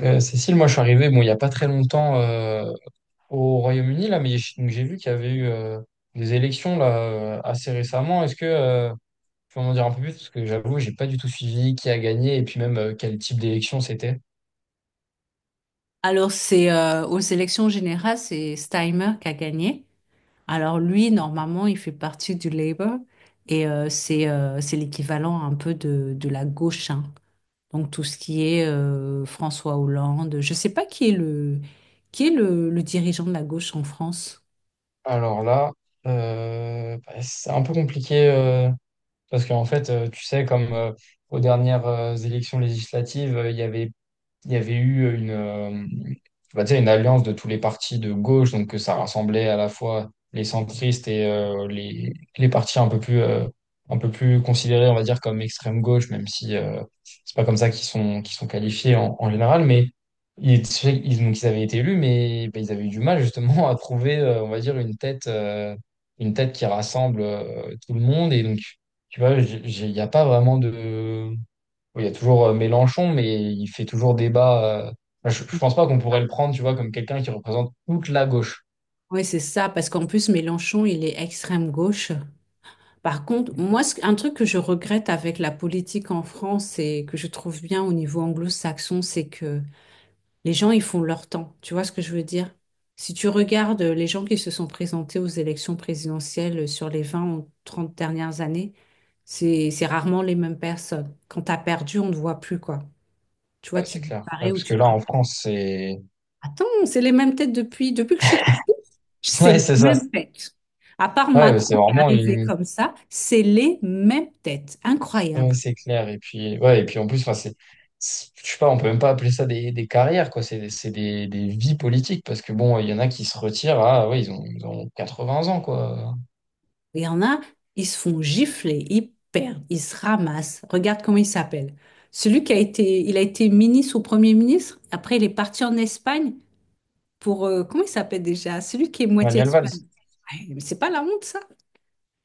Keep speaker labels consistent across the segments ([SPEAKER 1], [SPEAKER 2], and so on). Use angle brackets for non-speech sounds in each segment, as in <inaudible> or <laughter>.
[SPEAKER 1] Cécile, moi je suis arrivé bon, il n'y a pas très longtemps. Au Royaume-Uni, là, mais j'ai vu qu'il y avait eu des élections là, assez récemment. Est-ce que tu peux m'en dire un peu plus? Parce que j'avoue, j'ai pas du tout suivi qui a gagné et puis même quel type d'élection c'était.
[SPEAKER 2] Alors, c'est aux élections générales, c'est Steimer qui a gagné. Alors, lui, normalement, il fait partie du Labour et c'est l'équivalent un peu de la gauche, hein. Donc, tout ce qui est François Hollande. Je sais pas qui est qui est le dirigeant de la gauche en France.
[SPEAKER 1] Alors là, bah, c'est un peu compliqué parce qu'en fait, tu sais, comme aux dernières élections législatives, il y avait eu on va dire une alliance de tous les partis de gauche, donc que ça rassemblait à la fois les centristes et les partis un peu plus considérés, on va dire, comme extrême gauche, même si c'est pas comme ça qu'ils sont qualifiés en, en général, mais donc ils avaient été élus, mais ben, ils avaient eu du mal justement à trouver, on va dire, une tête qui rassemble tout le monde, et donc, tu vois, il n'y a pas vraiment de oui. Il y a toujours Mélenchon, mais il fait toujours débat. Je pense pas qu'on pourrait le prendre, tu vois, comme quelqu'un qui représente toute la gauche.
[SPEAKER 2] Oui, c'est ça, parce qu'en plus, Mélenchon, il est extrême gauche. Par contre, moi, un truc que je regrette avec la politique en France et que je trouve bien au niveau anglo-saxon, c'est que les gens, ils font leur temps. Tu vois ce que je veux dire? Si tu regardes les gens qui se sont présentés aux élections présidentielles sur les 20 ou 30 dernières années, c'est rarement les mêmes personnes. Quand tu as perdu, on ne te voit plus, quoi. Tu vois,
[SPEAKER 1] Ouais,
[SPEAKER 2] tu
[SPEAKER 1] c'est clair. Ouais,
[SPEAKER 2] disparais ou
[SPEAKER 1] parce
[SPEAKER 2] tu
[SPEAKER 1] que
[SPEAKER 2] te
[SPEAKER 1] là,
[SPEAKER 2] reprends.
[SPEAKER 1] en France, c'est.
[SPEAKER 2] Attends, c'est les mêmes têtes depuis que je suis petite.
[SPEAKER 1] <laughs>
[SPEAKER 2] C'est
[SPEAKER 1] Ouais,
[SPEAKER 2] les
[SPEAKER 1] c'est ça.
[SPEAKER 2] mêmes têtes. À part
[SPEAKER 1] Ouais,
[SPEAKER 2] Macron
[SPEAKER 1] c'est
[SPEAKER 2] qui est
[SPEAKER 1] vraiment
[SPEAKER 2] arrivé
[SPEAKER 1] une.
[SPEAKER 2] comme ça, c'est les mêmes têtes.
[SPEAKER 1] Ouais,
[SPEAKER 2] Incroyable.
[SPEAKER 1] c'est clair. Et puis, ouais, et puis en plus, enfin, c'est. Je sais pas, on peut même pas appeler ça des carrières, quoi. C'est des vies politiques, parce que bon, il y en a qui se retirent à. Ouais, ils ont 80 ans, quoi.
[SPEAKER 2] Il y en a, ils se font gifler, ils perdent, ils se ramassent. Regarde comment il s'appelle. Celui qui a été, il a été ministre ou premier ministre. Après, il est parti en Espagne pour, comment il s'appelle déjà? Celui qui est moitié
[SPEAKER 1] Manuel Valls.
[SPEAKER 2] espagnol. Ouais, mais c'est pas la honte, ça.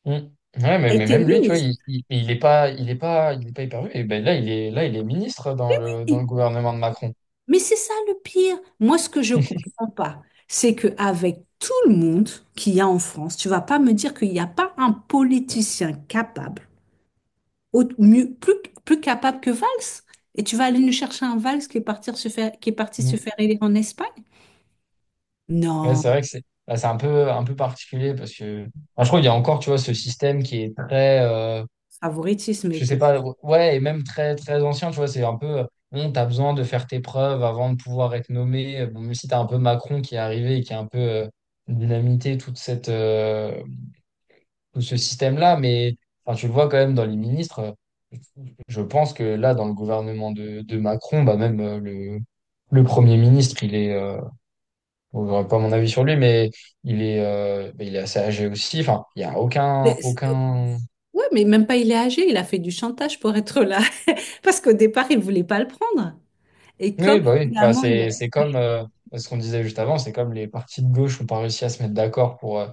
[SPEAKER 1] Mm. Ouais,
[SPEAKER 2] Il a
[SPEAKER 1] mais
[SPEAKER 2] été
[SPEAKER 1] même lui, tu vois,
[SPEAKER 2] ministre.
[SPEAKER 1] il est pas hyper vu. Et ben là, il est ministre dans le gouvernement de Macron.
[SPEAKER 2] Mais c'est ça le pire. Moi, ce que je comprends pas, c'est que avec tout le monde qu'il y a en France, tu vas pas me dire qu'il n'y a pas un politicien capable mieux, plus, plus capable que Valls. Et tu vas aller nous chercher un Valls qui est parti se faire, qui est parti se
[SPEAKER 1] Mm.
[SPEAKER 2] faire élire en Espagne?
[SPEAKER 1] Ouais, c'est
[SPEAKER 2] Non,
[SPEAKER 1] vrai que c'est, là, c'est un peu particulier parce que, enfin, je trouve qu'il y a encore, tu vois, ce système qui est très,
[SPEAKER 2] favoritisme
[SPEAKER 1] je
[SPEAKER 2] est...
[SPEAKER 1] sais pas, ouais, et même très, très ancien, tu vois, c'est un peu, bon, t'as besoin de faire tes preuves avant de pouvoir être nommé. Bon, même si t'as un peu Macron qui est arrivé et qui a un peu, dynamité toute cette, tout ce système-là, mais enfin, tu le vois quand même dans les ministres. Je pense que là, dans le gouvernement de Macron, bah même le Premier ministre, bon, j'aurais pas mon avis sur lui, mais bah, il est assez âgé aussi. Enfin, il y a
[SPEAKER 2] c'est- c'est-
[SPEAKER 1] aucun.
[SPEAKER 2] Ouais, mais même pas il est âgé, il a fait du chantage pour être là. <laughs> Parce qu'au départ, il voulait pas le prendre. Et comme
[SPEAKER 1] Oui. Bah,
[SPEAKER 2] finalement, il est...
[SPEAKER 1] c'est comme ce qu'on disait juste avant, c'est comme les partis de gauche n'ont pas réussi à se mettre d'accord pour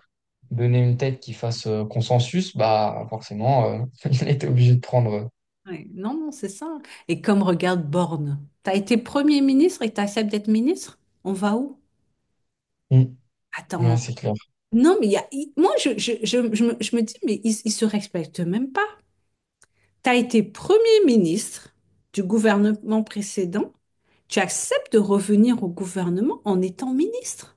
[SPEAKER 1] donner une tête qui fasse consensus. Bah forcément, <laughs> il était obligé de prendre.
[SPEAKER 2] Ouais, non, non, c'est ça. Et comme regarde Borne, t'as été Premier ministre et t'acceptes d'être ministre? On va où?
[SPEAKER 1] Mm. Ouais,
[SPEAKER 2] Attends.
[SPEAKER 1] c'est clair.
[SPEAKER 2] Non, mais il y a, moi, je me dis, mais ils ne se respectent même pas. Tu as été Premier ministre du gouvernement précédent, tu acceptes de revenir au gouvernement en étant ministre.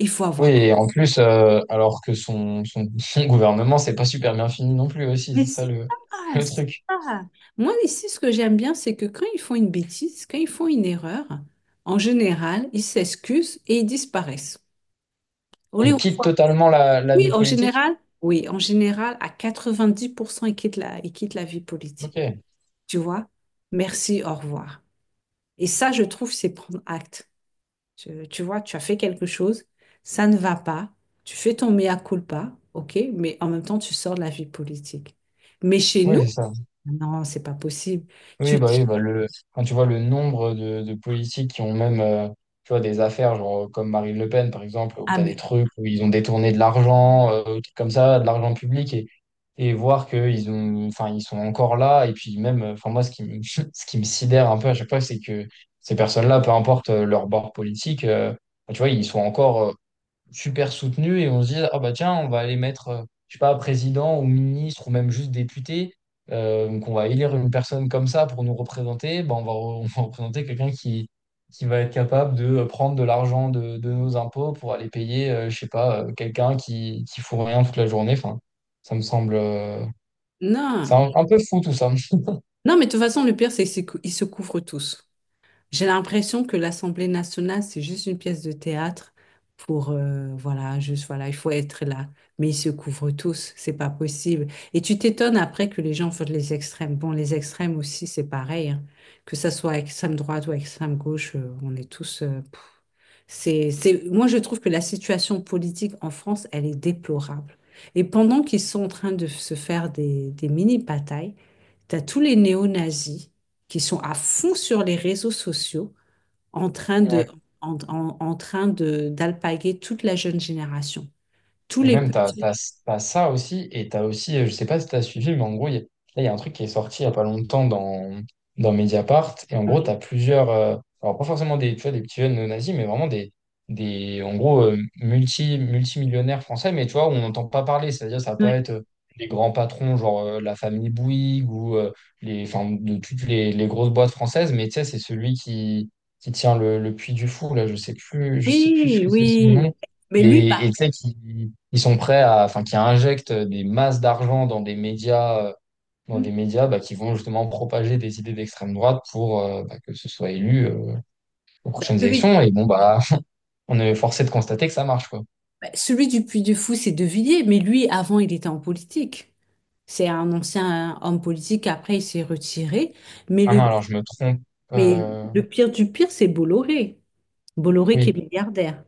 [SPEAKER 2] Il faut
[SPEAKER 1] Oui,
[SPEAKER 2] avoir quoi?
[SPEAKER 1] et en plus, alors que <laughs> son gouvernement, c'est pas super bien fini non plus aussi,
[SPEAKER 2] Mais
[SPEAKER 1] c'est ça
[SPEAKER 2] c'est ça,
[SPEAKER 1] le
[SPEAKER 2] c'est
[SPEAKER 1] truc.
[SPEAKER 2] ça. Moi, ici, ce que j'aime bien, c'est que quand ils font une bêtise, quand ils font une erreur, en général, ils s'excusent et ils disparaissent. On les
[SPEAKER 1] Il quitte
[SPEAKER 2] revoit.
[SPEAKER 1] totalement la, la vie politique?
[SPEAKER 2] Oui, en général, à 90%, ils quittent ils quittent la vie politique.
[SPEAKER 1] Ok,
[SPEAKER 2] Tu vois, merci, au revoir. Et ça, je trouve, c'est prendre acte. Tu vois, tu as fait quelque chose, ça ne va pas, tu fais ton mea culpa, ok, mais en même temps, tu sors de la vie politique. Mais chez nous,
[SPEAKER 1] oui, c'est ça.
[SPEAKER 2] non, c'est pas possible. Tu
[SPEAKER 1] Oui,
[SPEAKER 2] dis,
[SPEAKER 1] bah le, quand tu vois le nombre de politiques qui ont même tu vois, des affaires, genre comme Marine Le Pen, par exemple, où
[SPEAKER 2] ah
[SPEAKER 1] tu as des
[SPEAKER 2] mais
[SPEAKER 1] trucs où ils ont détourné de l'argent, des trucs comme ça, de l'argent public, et voir qu'ils ont, enfin, ils sont encore là. Et puis même, enfin, moi, ce qui me, <laughs> ce qui me sidère un peu à chaque fois, c'est que ces personnes-là, peu importe leur bord politique, bah, tu vois, ils sont encore super soutenu et on se dit, ah bah tiens, on va aller mettre, je sais pas, président ou ministre ou même juste député, donc on va élire une personne comme ça pour nous représenter, bah on va, <laughs> on va représenter quelqu'un qui va être capable de prendre de l'argent de nos impôts pour aller payer, je sais pas, quelqu'un qui fout rien toute la journée. Enfin, ça me semble, c'est
[SPEAKER 2] non,
[SPEAKER 1] un peu fou tout ça.
[SPEAKER 2] non, mais de toute façon, le pire, c'est qu'ils se couvrent tous. J'ai l'impression que l'Assemblée nationale, c'est juste une pièce de théâtre pour, voilà, juste, voilà, il faut être là. Mais ils se couvrent tous, c'est pas possible. Et tu t'étonnes après que les gens votent les extrêmes. Bon, les extrêmes aussi, c'est pareil, hein. Que ça soit extrême droite ou extrême gauche, on est tous, pff. Moi, je trouve que la situation politique en France, elle est déplorable. Et pendant qu'ils sont en train de se faire des mini-batailles, t'as tous les néo-nazis qui sont à fond sur les réseaux sociaux en train de,
[SPEAKER 1] Ouais.
[SPEAKER 2] en train de, d'alpaguer toute la jeune génération. Tous
[SPEAKER 1] Et
[SPEAKER 2] les
[SPEAKER 1] même,
[SPEAKER 2] petits.
[SPEAKER 1] t'as ça aussi, et t'as aussi, je sais pas si t'as suivi, mais en gros, il y a un truc qui est sorti il y a pas longtemps dans Mediapart, et en gros,
[SPEAKER 2] Oui,
[SPEAKER 1] t'as plusieurs, alors pas forcément des, tu vois, des petits jeunes néo-nazis, mais vraiment des en gros, multimillionnaires français, mais tu vois, on n'entend pas parler, c'est-à-dire, ça va pas
[SPEAKER 2] oui,
[SPEAKER 1] être les grands patrons, genre la famille Bouygues, ou les, enfin, de toutes les grosses boîtes françaises, mais tu sais, c'est celui qui tient le Puy du Fou, là, je sais plus ce
[SPEAKER 2] oui,
[SPEAKER 1] que c'est son nom,
[SPEAKER 2] oui. Mais lui, pas.
[SPEAKER 1] et tu sais, qui ils sont prêts à, enfin, qui injectent des masses d'argent dans des médias bah, qui vont justement propager des idées d'extrême droite pour bah, que ce soit élu aux
[SPEAKER 2] Ben,
[SPEAKER 1] prochaines
[SPEAKER 2] lui-
[SPEAKER 1] élections. Et bon, bah, <laughs> on est forcé de constater que ça marche, quoi.
[SPEAKER 2] ben, celui du Puy du Fou, c'est De Villiers, mais lui, avant, il était en politique. C'est un ancien homme politique, après, il s'est retiré. Mais
[SPEAKER 1] Ah
[SPEAKER 2] le,
[SPEAKER 1] non, alors je me trompe.
[SPEAKER 2] mais
[SPEAKER 1] Euh,
[SPEAKER 2] le pire du pire, c'est Bolloré. Bolloré qui est
[SPEAKER 1] oui,
[SPEAKER 2] milliardaire.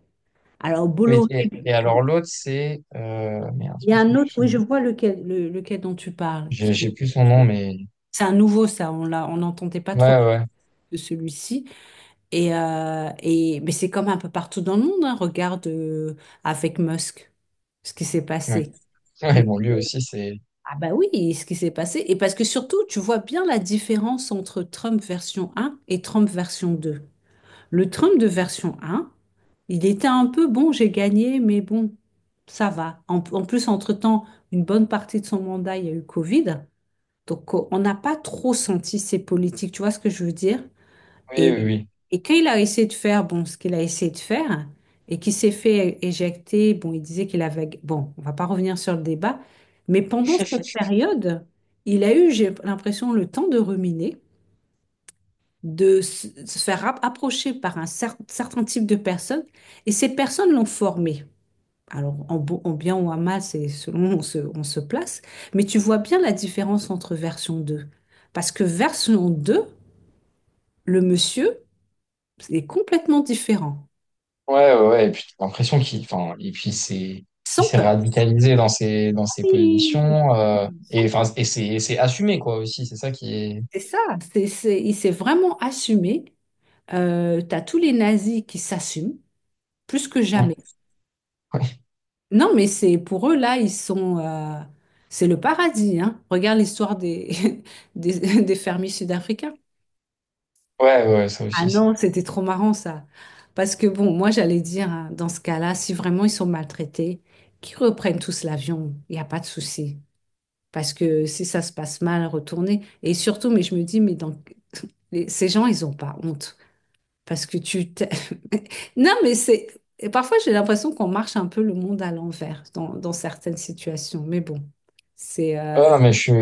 [SPEAKER 2] Alors,
[SPEAKER 1] oui.
[SPEAKER 2] Bolloré,
[SPEAKER 1] Et alors l'autre, c'est merde, je
[SPEAKER 2] il y
[SPEAKER 1] me
[SPEAKER 2] a un
[SPEAKER 1] souviens plus
[SPEAKER 2] autre,
[SPEAKER 1] son
[SPEAKER 2] oui, je
[SPEAKER 1] nom.
[SPEAKER 2] vois lequel, lequel dont tu parles,
[SPEAKER 1] J'ai plus son nom, mais
[SPEAKER 2] c'est un nouveau, ça, on l'a, on n'entendait pas
[SPEAKER 1] ouais,
[SPEAKER 2] trop
[SPEAKER 1] ouais,
[SPEAKER 2] de celui-ci. Et, mais c'est comme un peu partout dans le monde, hein. Regarde avec Musk ce qui s'est
[SPEAKER 1] ouais.
[SPEAKER 2] passé.
[SPEAKER 1] <laughs> Ouais,
[SPEAKER 2] Et-
[SPEAKER 1] bon, lui aussi, c'est
[SPEAKER 2] Ah bah oui, ce qui s'est passé. Et parce que surtout, tu vois bien la différence entre Trump version un et Trump version deux. Le Trump de version 1, il était un peu bon, j'ai gagné, mais bon, ça va. En plus, entre-temps, une bonne partie de son mandat, il y a eu Covid. Donc, on n'a pas trop senti ses politiques, tu vois ce que je veux dire?
[SPEAKER 1] oui,
[SPEAKER 2] Et,
[SPEAKER 1] oui,
[SPEAKER 2] et quand il a essayé de faire, bon, ce qu'il a essayé de faire, et qu'il s'est fait éjecter, bon, il disait qu'il avait... Bon, on va pas revenir sur le débat, mais pendant
[SPEAKER 1] oui.
[SPEAKER 2] cette
[SPEAKER 1] <laughs>
[SPEAKER 2] période, il a eu, j'ai l'impression, le temps de ruminer de se faire approcher par un certain type de personnes, et ces personnes l'ont formé. Alors, en, en bien ou en mal, c'est selon où on on se place, mais tu vois bien la différence entre version deux. Parce que version 2 le monsieur est complètement différent,
[SPEAKER 1] Ouais, ouais, ouais. Et puis t'as l'impression qu'il, enfin, et puis c'est, il
[SPEAKER 2] sans
[SPEAKER 1] s'est
[SPEAKER 2] peur.
[SPEAKER 1] radicalisé dans ses
[SPEAKER 2] Oui,
[SPEAKER 1] positions. Et
[SPEAKER 2] sans peur.
[SPEAKER 1] enfin, et c'est assumé quoi aussi. C'est ça qui est.
[SPEAKER 2] C'est ça, il s'est vraiment assumé. Tu as tous les nazis qui s'assument, plus que jamais.
[SPEAKER 1] <laughs>
[SPEAKER 2] Non, mais c'est pour eux, là, ils sont, c'est le paradis, hein. Regarde l'histoire des, <laughs> des fermiers sud-africains.
[SPEAKER 1] Ouais, ouais, ouais, ça
[SPEAKER 2] Ah
[SPEAKER 1] aussi. Ça.
[SPEAKER 2] non, c'était trop marrant, ça. Parce que, bon, moi, j'allais dire, hein, dans ce cas-là, si vraiment ils sont maltraités, qu'ils reprennent tous l'avion. Il n'y a pas de souci. Parce que si ça se passe mal, retourner. Et surtout, mais je me dis, mais donc, <laughs> ces gens, ils n'ont pas honte. Parce que tu... <laughs> non, mais c'est... Et parfois, j'ai l'impression qu'on marche un peu le monde à l'envers dans certaines situations. Mais bon, c'est...
[SPEAKER 1] Ouais, non, mais je suis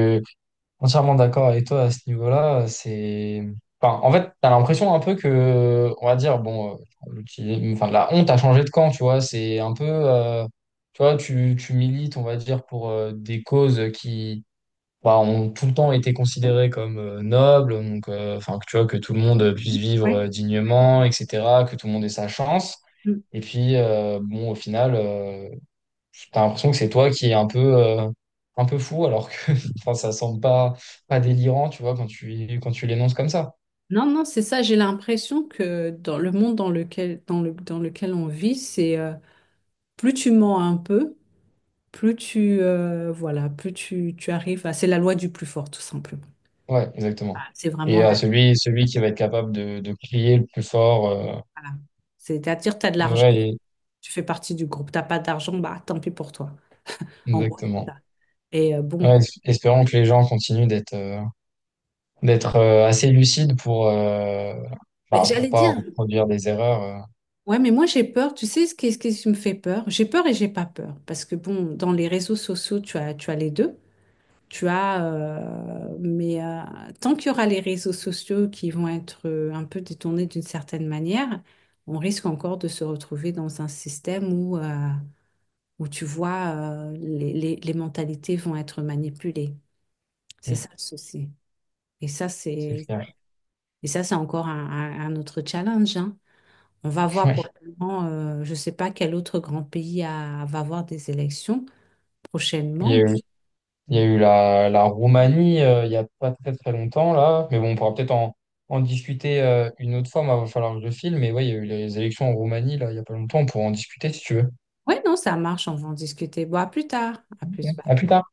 [SPEAKER 1] entièrement d'accord avec toi à ce niveau-là. C'est, enfin, en fait, t'as l'impression un peu que, on va dire, bon, enfin, la honte a changé de camp, tu vois. C'est un peu, tu vois, tu milites, on va dire, pour des causes qui bah, ont tout le temps été considérés comme nobles, donc enfin que tu vois que tout le monde puisse vivre
[SPEAKER 2] ouais.
[SPEAKER 1] dignement, etc., que tout le monde ait sa chance.
[SPEAKER 2] Mm.
[SPEAKER 1] Et puis bon, au final, t'as l'impression que c'est toi qui est un peu fou, alors que <laughs> enfin ça semble pas pas délirant, tu vois, quand tu l'énonces comme ça.
[SPEAKER 2] Non, non, c'est ça. J'ai l'impression que dans le monde dans dans lequel on vit, c'est plus tu mens un peu, voilà, tu arrives à... C'est la loi du plus fort, tout simplement.
[SPEAKER 1] Ouais, exactement.
[SPEAKER 2] Ah, c'est vraiment
[SPEAKER 1] Et
[SPEAKER 2] la...
[SPEAKER 1] celui qui va être capable de crier le plus fort,
[SPEAKER 2] voilà. C'est-à-dire, tu as de l'argent,
[SPEAKER 1] ouais, et-
[SPEAKER 2] tu fais partie du groupe. T'as pas d'argent, bah tant pis pour toi. En gros, c'est
[SPEAKER 1] exactement.
[SPEAKER 2] ça. Et bon,
[SPEAKER 1] Ouais, espérons que les gens continuent d'être d'être assez lucide pour
[SPEAKER 2] mais
[SPEAKER 1] bah, pour
[SPEAKER 2] j'allais
[SPEAKER 1] pas
[SPEAKER 2] dire,
[SPEAKER 1] reproduire des erreurs.
[SPEAKER 2] ouais, mais moi j'ai peur. Tu sais ce qui me fait peur? J'ai peur et j'ai pas peur. Parce que bon, dans les réseaux sociaux, tu as les deux. Tu as, tant qu'il y aura les réseaux sociaux qui vont être un peu détournés d'une certaine manière, on risque encore de se retrouver dans un système où tu vois, les mentalités vont être manipulées. C'est
[SPEAKER 1] Mm,
[SPEAKER 2] ça le souci. Et ça,
[SPEAKER 1] c'est
[SPEAKER 2] c'est,
[SPEAKER 1] clair. <laughs>
[SPEAKER 2] et ça, c'est encore un autre challenge, hein. On va voir
[SPEAKER 1] Ouais.
[SPEAKER 2] probablement, je ne sais pas quel autre grand pays va avoir des élections
[SPEAKER 1] Il y
[SPEAKER 2] prochainement.
[SPEAKER 1] a eu, il y a
[SPEAKER 2] Oui,
[SPEAKER 1] eu la, la Roumanie il y a pas très très longtemps là, mais bon, on pourra peut-être en discuter une autre fois. Il va falloir que je file, mais ouais, il y a eu les élections en Roumanie là il y a pas longtemps. On pourra en discuter si tu veux.
[SPEAKER 2] non, ça marche, on va en discuter. Bon, à plus tard. À
[SPEAKER 1] Ok.
[SPEAKER 2] plus.
[SPEAKER 1] À plus tard.